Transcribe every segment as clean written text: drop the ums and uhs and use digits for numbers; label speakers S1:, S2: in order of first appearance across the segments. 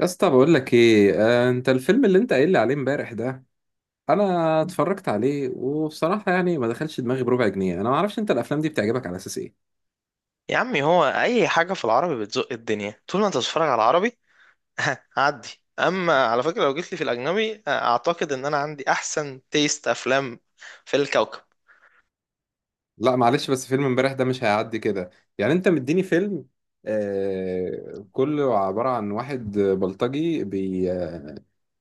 S1: يا اسطى، بقول لك ايه؟ انت الفيلم اللي انت قايل لي عليه امبارح ده، انا اتفرجت عليه وبصراحه يعني ما دخلش دماغي بربع جنيه. انا ما اعرفش انت الافلام دي بتعجبك على اساس ايه؟
S2: يا عمي هو اي حاجه في العربي بتزق الدنيا طول ما انت بتتفرج على العربي. هعدي. اما على فكره، لو جيت لي في الاجنبي، اعتقد ان انا عندي احسن تيست افلام في الكوكب.
S1: لا، معلش، بس فيلم امبارح ده مش هيعدي كده. يعني انت مديني فيلم، آه، كله عباره عن واحد بلطجي، بي آه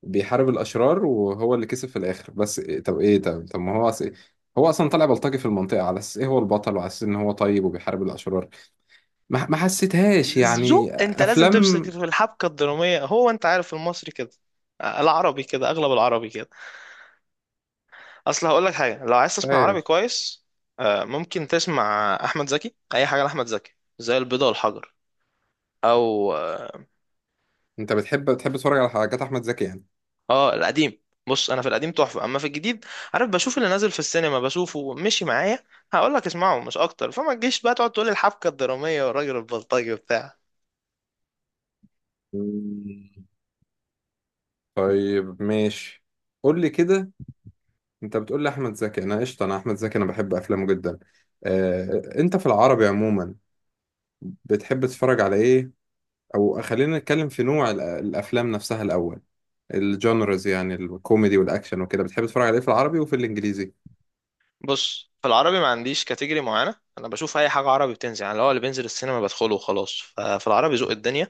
S1: بيحارب الاشرار وهو اللي كسب في الاخر. بس إيه- طب ايه طب طب ما هو أص... هو اصلا طالع بلطجي في المنطقه على اساس ايه هو البطل وعلى اساس ان هو طيب وبيحارب الاشرار. ما حسيتهاش يعني
S2: ذوق، انت لازم تمسك
S1: افلام.
S2: في الحبكه الدراميه، هو انت عارف المصري كده، العربي كده، اغلب العربي كده. اصل هقول لك حاجه، لو عايز تسمع عربي
S1: عارف؟
S2: كويس، ممكن تسمع احمد زكي، اي حاجه لاحمد زكي زي البيضه والحجر، او
S1: انت بتحب تتفرج على حاجات احمد زكي يعني.
S2: اه، القديم. بص، انا في القديم تحفه، اما في الجديد، عارف، بشوف اللي نازل في السينما بشوفه مشي معايا. هقول لك اسمعه مش اكتر، فما تجيش بقى تقعد تقول لي الحبكه الدراميه والراجل البلطجي وبتاع.
S1: مم. طيب، ماشي، قول لي كده. انت بتقول لي احمد زكي؟ انا قشطه، انا احمد زكي، انا بحب افلامه جدا. انت في العربي عموما بتحب تتفرج على ايه؟ او خلينا نتكلم في نوع الافلام نفسها الاول. الجانرز يعني الكوميدي والاكشن وكده، بتحب تتفرج على ايه في العربي وفي الانجليزي؟
S2: بص، في العربي ما عنديش كاتيجوري معينه، انا بشوف اي حاجه عربي بتنزل، يعني اللي هو اللي بينزل السينما بدخله وخلاص، ففي العربي ذوق الدنيا.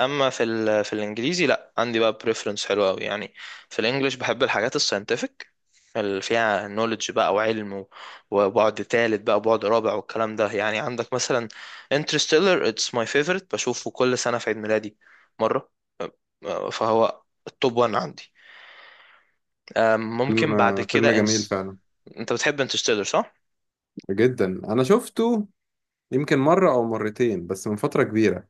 S2: اما في الانجليزي لا، عندي بقى بريفرنس حلو قوي يعني. في الانجليش بحب الحاجات الساينتفك اللي فيها نوليدج بقى وعلم وبعد تالت بقى وبعد رابع والكلام ده، يعني عندك مثلا انترستيلر. اتس ماي فيفورت، بشوفه كل سنة في عيد ميلادي مرة. فهو التوب 1 عندي.
S1: فيلم.
S2: ممكن بعد
S1: فيلم
S2: كده
S1: جميل
S2: انس.
S1: فعلا.
S2: انت بتحب انترستيلر صح؟
S1: جدا. انا شفته يمكن مره او مرتين بس من فتره كبيره.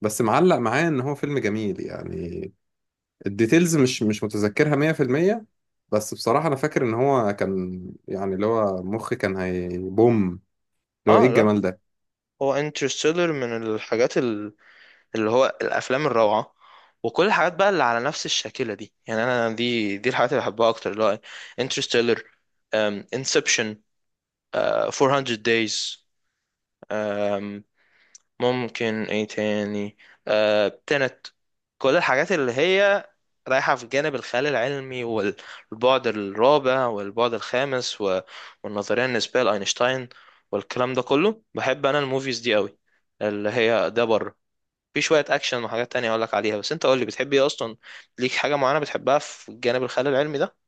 S1: بس معلق معايا ان هو فيلم جميل يعني. الديتيلز مش متذكرها 100%. بس بصراحة أنا فاكر إن هو كان، يعني اللي هو مخي كان هيبوم، اللي هو إيه
S2: اه لا،
S1: الجمال ده.
S2: هو انترستيلر من الحاجات اللي هو الافلام الروعه، وكل الحاجات بقى اللي على نفس الشاكله دي، يعني انا دي الحاجات اللي بحبها اكتر، اللي هو انترستيلر، انسبشن، 400 دايز، ممكن ايه تاني، تنت، كل الحاجات اللي هي رايحة في جانب الخيال العلمي والبعد الرابع والبعد الخامس والنظرية النسبية لأينشتاين والكلام ده كله. بحب أنا الموفيز دي قوي، اللي هي ده بره. في شوية أكشن وحاجات تانية أقولك عليها، بس أنت قولي بتحب إيه أصلا، ليك حاجة معينة بتحبها في الجانب الخيال العلمي ده؟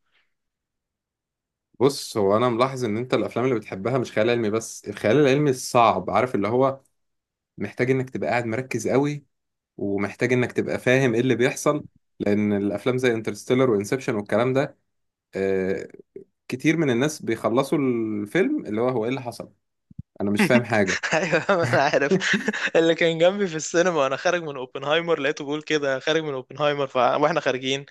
S1: بص، هو أنا ملاحظ إن أنت الأفلام اللي بتحبها مش خيال علمي، بس الخيال العلمي الصعب، عارف، اللي هو محتاج إنك تبقى قاعد مركز قوي ومحتاج إنك تبقى فاهم إيه اللي بيحصل. لأن الأفلام زي انترستيلر وإنسبشن والكلام ده، آه كتير من الناس بيخلصوا الفيلم اللي هو إيه اللي حصل؟ أنا مش فاهم حاجة.
S2: ايوه، ما انا عارف. اللي كان جنبي في السينما وانا خارج من اوبنهايمر، لقيته بيقول كده خارج من اوبنهايمر واحنا خارجين،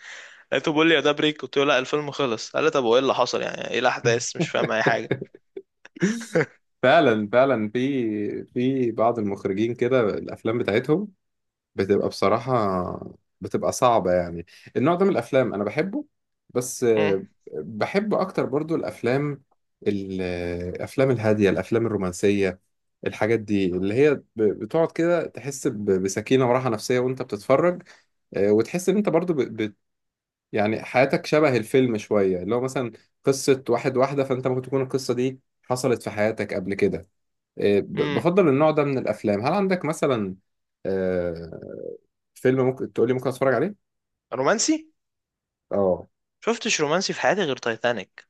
S2: لقيته بيقول لي يا ده بريك، قلت له لا الفيلم خلص، قال لي طب وايه اللي حصل، يعني ايه الاحداث، مش فاهم اي حاجه.
S1: فعلا فعلا، في بعض المخرجين كده الافلام بتاعتهم بتبقى بصراحه بتبقى صعبه يعني. النوع ده من الافلام انا بحبه، بس
S2: امم.
S1: بحب اكتر برضو الافلام الافلام الهاديه، الافلام الرومانسيه، الحاجات دي اللي هي بتقعد كده تحس بسكينه وراحه نفسيه وانت بتتفرج، وتحس ان انت برضو يعني حياتك شبه الفيلم شويه، اللي هو مثلا قصه واحد واحده، فانت ممكن تكون القصه دي حصلت في حياتك قبل كده. إيه،
S2: امم.
S1: بفضل النوع ده من الافلام. هل عندك مثلا آه، فيلم ممكن تقول لي ممكن اتفرج عليه؟
S2: رومانسي؟
S1: اه،
S2: شفتش رومانسي في حياتي غير تايتانيك.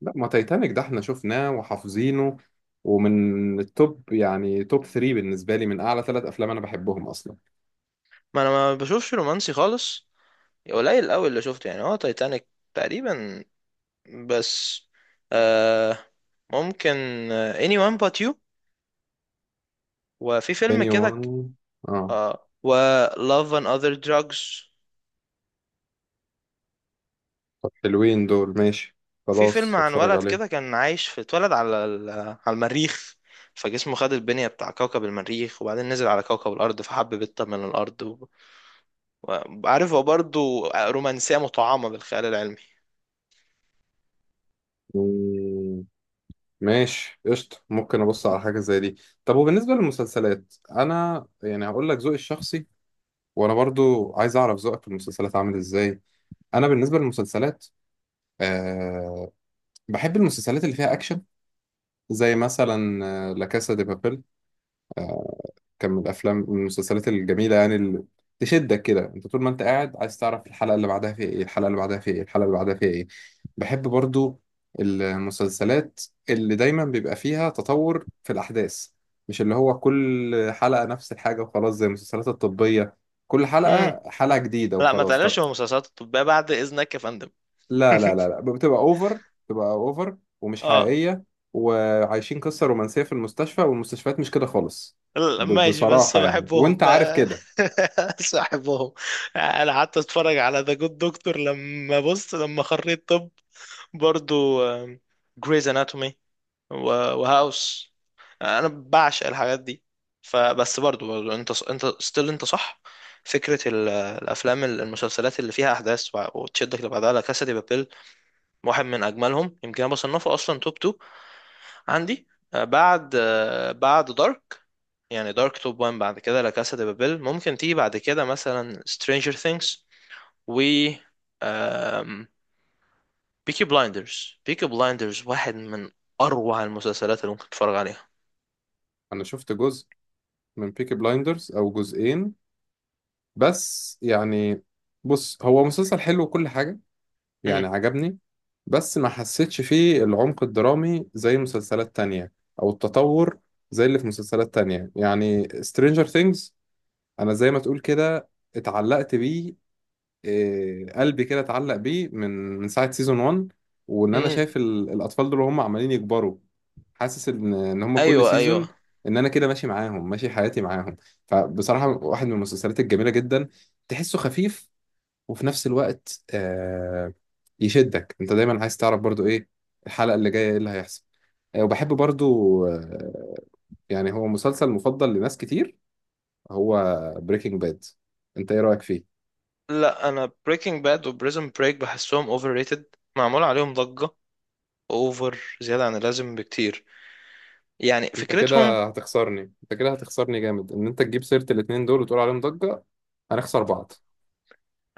S1: لا، ما تايتانيك ده احنا شفناه وحافظينه، ومن التوب يعني توب 3 بالنسبه لي، من اعلى ثلاث افلام انا بحبهم اصلا.
S2: ما انا ما بشوفش رومانسي خالص، قليل قوي اللي شفته، يعني هو تايتانيك تقريبا بس. آه، ممكن، anyone but you، وفي فيلم
S1: اني
S2: كده
S1: وان، اه.
S2: اه، و love and other drugs.
S1: طب حلوين دول، ماشي،
S2: في فيلم
S1: خلاص
S2: عن
S1: اتفرج
S2: ولد
S1: عليهم.
S2: كده كان عايش في اتولد على المريخ، فجسمه خد البنية بتاع كوكب المريخ، وبعدين نزل على كوكب الأرض فحب بنت من الأرض وعارف، هو برضه رومانسية مطعمة بالخيال العلمي.
S1: مم، ماشي، قشطة، ممكن أبص على حاجة زي دي. طب، وبالنسبة للمسلسلات، أنا يعني هقول لك ذوقي الشخصي، وانا برضو عايز اعرف ذوقك في المسلسلات عامل ازاي. انا بالنسبه للمسلسلات، أه، بحب المسلسلات اللي فيها اكشن، زي مثلا لا كاسا دي بابيل. كان من الافلام، من المسلسلات الجميله يعني، اللي تشدك كده، انت طول ما انت قاعد عايز تعرف الحلقه اللي بعدها فيها ايه، الحلقه اللي بعدها فيها ايه، الحلقه اللي بعدها فيها ايه. بحب برضو المسلسلات اللي دايما بيبقى فيها تطور في الاحداث، مش اللي هو كل حلقه نفس الحاجه وخلاص، زي المسلسلات الطبيه، كل
S2: امم.
S1: حلقه حلقه جديده
S2: لا ما
S1: وخلاص.
S2: تقللش
S1: طب.
S2: من المسلسلات الطبية بعد إذنك يا فندم.
S1: لا، لا، لا، لا، بتبقى اوفر. بتبقى اوفر ومش
S2: اه.
S1: حقيقية، وعايشين قصة رومانسية في المستشفى، والمستشفيات مش كده خالص.
S2: لا، ماشي، بس
S1: بصراحة يعني،
S2: بحبهم
S1: وانت عارف كده.
S2: بس بحبهم. انا قعدت اتفرج على ذا جود دكتور لما بص لما خريت طب، برضو جريز اناتومي وهاوس، انا بعشق الحاجات دي. فبس برضو، انت ستيل، انت صح، فكرة الافلام المسلسلات اللي فيها احداث وتشدك لبعضها لا كاسا دي بابيل، واحد من اجملهم، يمكن انا بصنفه اصلا توب 2 عندي. بعد بعد دارك، يعني دارك توب 1، بعد كده لا كاسا دي بابيل، ممكن تيجي بعد كده مثلا سترينجر ثينجز و آم... بيكي بلايندرز، بيكي بلايندرز واحد من اروع المسلسلات اللي ممكن تتفرج عليها.
S1: انا شفت جزء من بيكي بلايندرز او جزئين، بس يعني، بص، هو مسلسل حلو وكل حاجة
S2: امم.
S1: يعني، عجبني. بس ما حسيتش فيه العمق الدرامي زي مسلسلات تانية، او التطور زي اللي في مسلسلات تانية، يعني Stranger Things انا زي ما تقول كده اتعلقت بيه. إيه، قلبي كده اتعلق بيه من ساعة سيزون 1، وان انا
S2: امم.
S1: شايف الاطفال دول وهم عمالين يكبروا، حاسس ان هم كل
S2: ايوه، ايوه.
S1: سيزون، ان انا كده ماشي معاهم، ماشي حياتي معاهم. فبصراحة واحد من المسلسلات الجميلة جدا، تحسه خفيف وفي نفس الوقت يشدك، انت دايما عايز تعرف برضو ايه الحلقة اللي جاية، ايه اللي هيحصل. وبحب برضو يعني هو مسلسل مفضل لناس كتير، هو بريكنج باد. انت ايه رأيك فيه؟
S2: لا، انا بريكنج باد وبريزن بريك بحسهم اوفر ريتد، معمول عليهم ضجة اوفر زيادة عن اللازم بكتير، يعني
S1: انت
S2: فكرتهم،
S1: كده هتخسرني، انت كده هتخسرني جامد ان انت تجيب سيرة الاتنين دول وتقول عليهم ضجة. هنخسر بعض.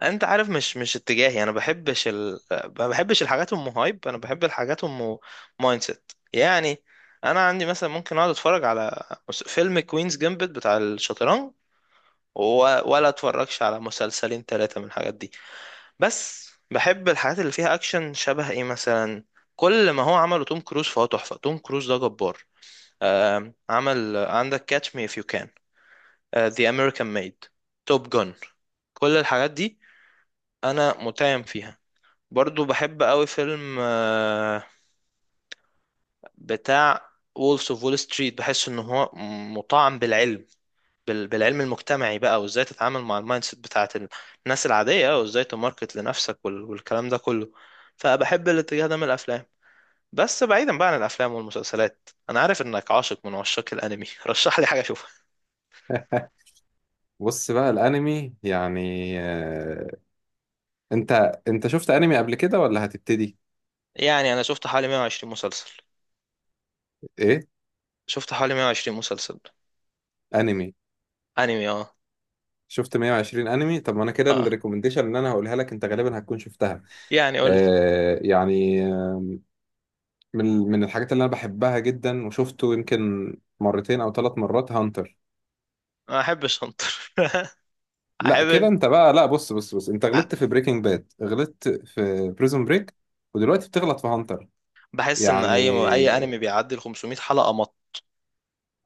S2: انت عارف مش اتجاهي، انا بحبش ال... ما بحبش الحاجات ام هايب، انا بحب الحاجات ام مايند سيت يعني. انا عندي مثلا ممكن اقعد اتفرج على فيلم كوينز جامبت بتاع الشطرنج و... ولا اتفرجش على مسلسلين ثلاثة من الحاجات دي. بس بحب الحاجات اللي فيها اكشن، شبه ايه مثلا، كل ما هو عمله توم كروز فهو تحفة، توم كروز ده جبار. عمل، عندك كاتش مي اف يو كان، ذا امريكان ميد، توب جون، كل الحاجات دي انا متيم فيها. برضو بحب قوي فيلم بتاع وولفز اوف وول ستريت، بحس ان هو مطعم بالعلم، بالعلم المجتمعي بقى، وازاي تتعامل مع المايند سيت بتاعت الناس العادية، وازاي تماركت لنفسك والكلام ده كله. فبحب الاتجاه ده من الافلام. بس بعيدا بقى عن الافلام والمسلسلات، انا عارف انك عاشق من عشاق الانمي. رشح لي حاجة اشوفها.
S1: بص بقى الانمي يعني، انت انت شفت انمي قبل كده ولا هتبتدي؟
S2: يعني انا شفت حوالي 120 مسلسل.
S1: ايه؟
S2: شفت حوالي 120 مسلسل
S1: انمي؟
S2: انمي. اه،
S1: شفت 120 انمي؟ طب ما انا كده
S2: اه،
S1: الريكومنديشن اللي انا هقولها لك انت غالبا هتكون شفتها.
S2: يعني قول لي.
S1: يعني من الحاجات اللي انا بحبها جدا وشفته يمكن مرتين او ثلاث مرات، هانتر.
S2: ما احبش انطر.
S1: لا، كده
S2: احب.
S1: انت بقى! لا، بص بص بص، انت غلطت في بريكنج باد، غلطت في بريزون بريك، ودلوقتي بتغلط في هانتر.
S2: بحس ان
S1: يعني
S2: اي انمي بيعدي ال 500 حلقه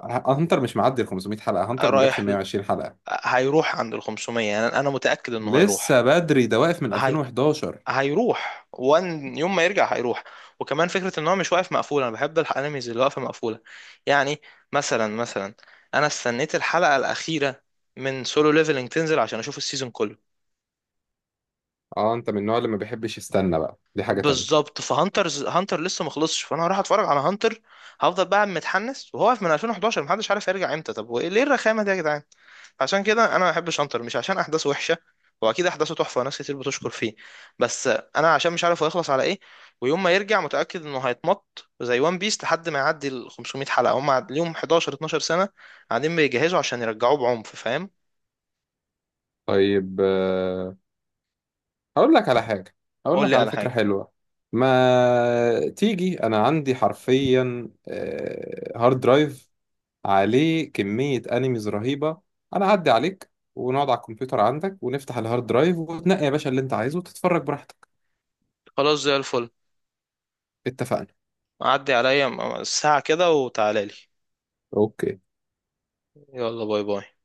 S1: هانتر مش معدي ال 500 حلقة، هانتر ما جابش
S2: رايح،
S1: 120 حلقة،
S2: هيروح عند ال 500، يعني انا متاكد انه هيروح.
S1: لسه بدري، ده واقف من
S2: هي...
S1: 2011.
S2: هيروح، وان يوم ما يرجع هيروح. وكمان فكره ان هو مش واقف مقفول، انا بحب الانميز اللي واقفه مقفوله. يعني مثلا انا استنيت الحلقه الاخيره من سولو ليفلنج تنزل عشان اشوف السيزون كله.
S1: اه، انت من النوع اللي ما بيحبش يستنى بقى، دي حاجة تانية.
S2: بالظبط، فهانترز هانتر لسه مخلصش، فانا هروح اتفرج على هانتر، هفضل بقى متحنس وهو واقف من 2011، محدش عارف يرجع امتى، طب وايه ليه الرخامه دي يا جدعان. عشان كده انا ما بحبش انتر، مش عشان احداثه وحشه، واكيد احداثه تحفه وناس كتير بتشكر فيه، بس انا عشان مش عارف هو هيخلص على ايه، ويوم ما يرجع متاكد انه هيتمط زي وان بيس لحد ما يعدي ال 500 حلقه، هم ليهم 11 12 سنه قاعدين بيجهزوا عشان يرجعوه بعنف، فاهم.
S1: طيب، هقول لك على حاجة، هقول
S2: قول
S1: لك
S2: لي
S1: على
S2: على
S1: فكرة
S2: حاجه.
S1: حلوة. ما تيجي، انا عندي حرفيا هارد درايف عليه كمية انيميز رهيبة. انا اعدي عليك ونقعد على الكمبيوتر عندك ونفتح الهارد درايف وتنقي يا باشا اللي انت عايزه وتتفرج براحتك.
S2: خلاص زي الفل.
S1: اتفقنا.
S2: عدي عليا ساعه كده وتعالى لي.
S1: اوكي.
S2: يلا باي باي.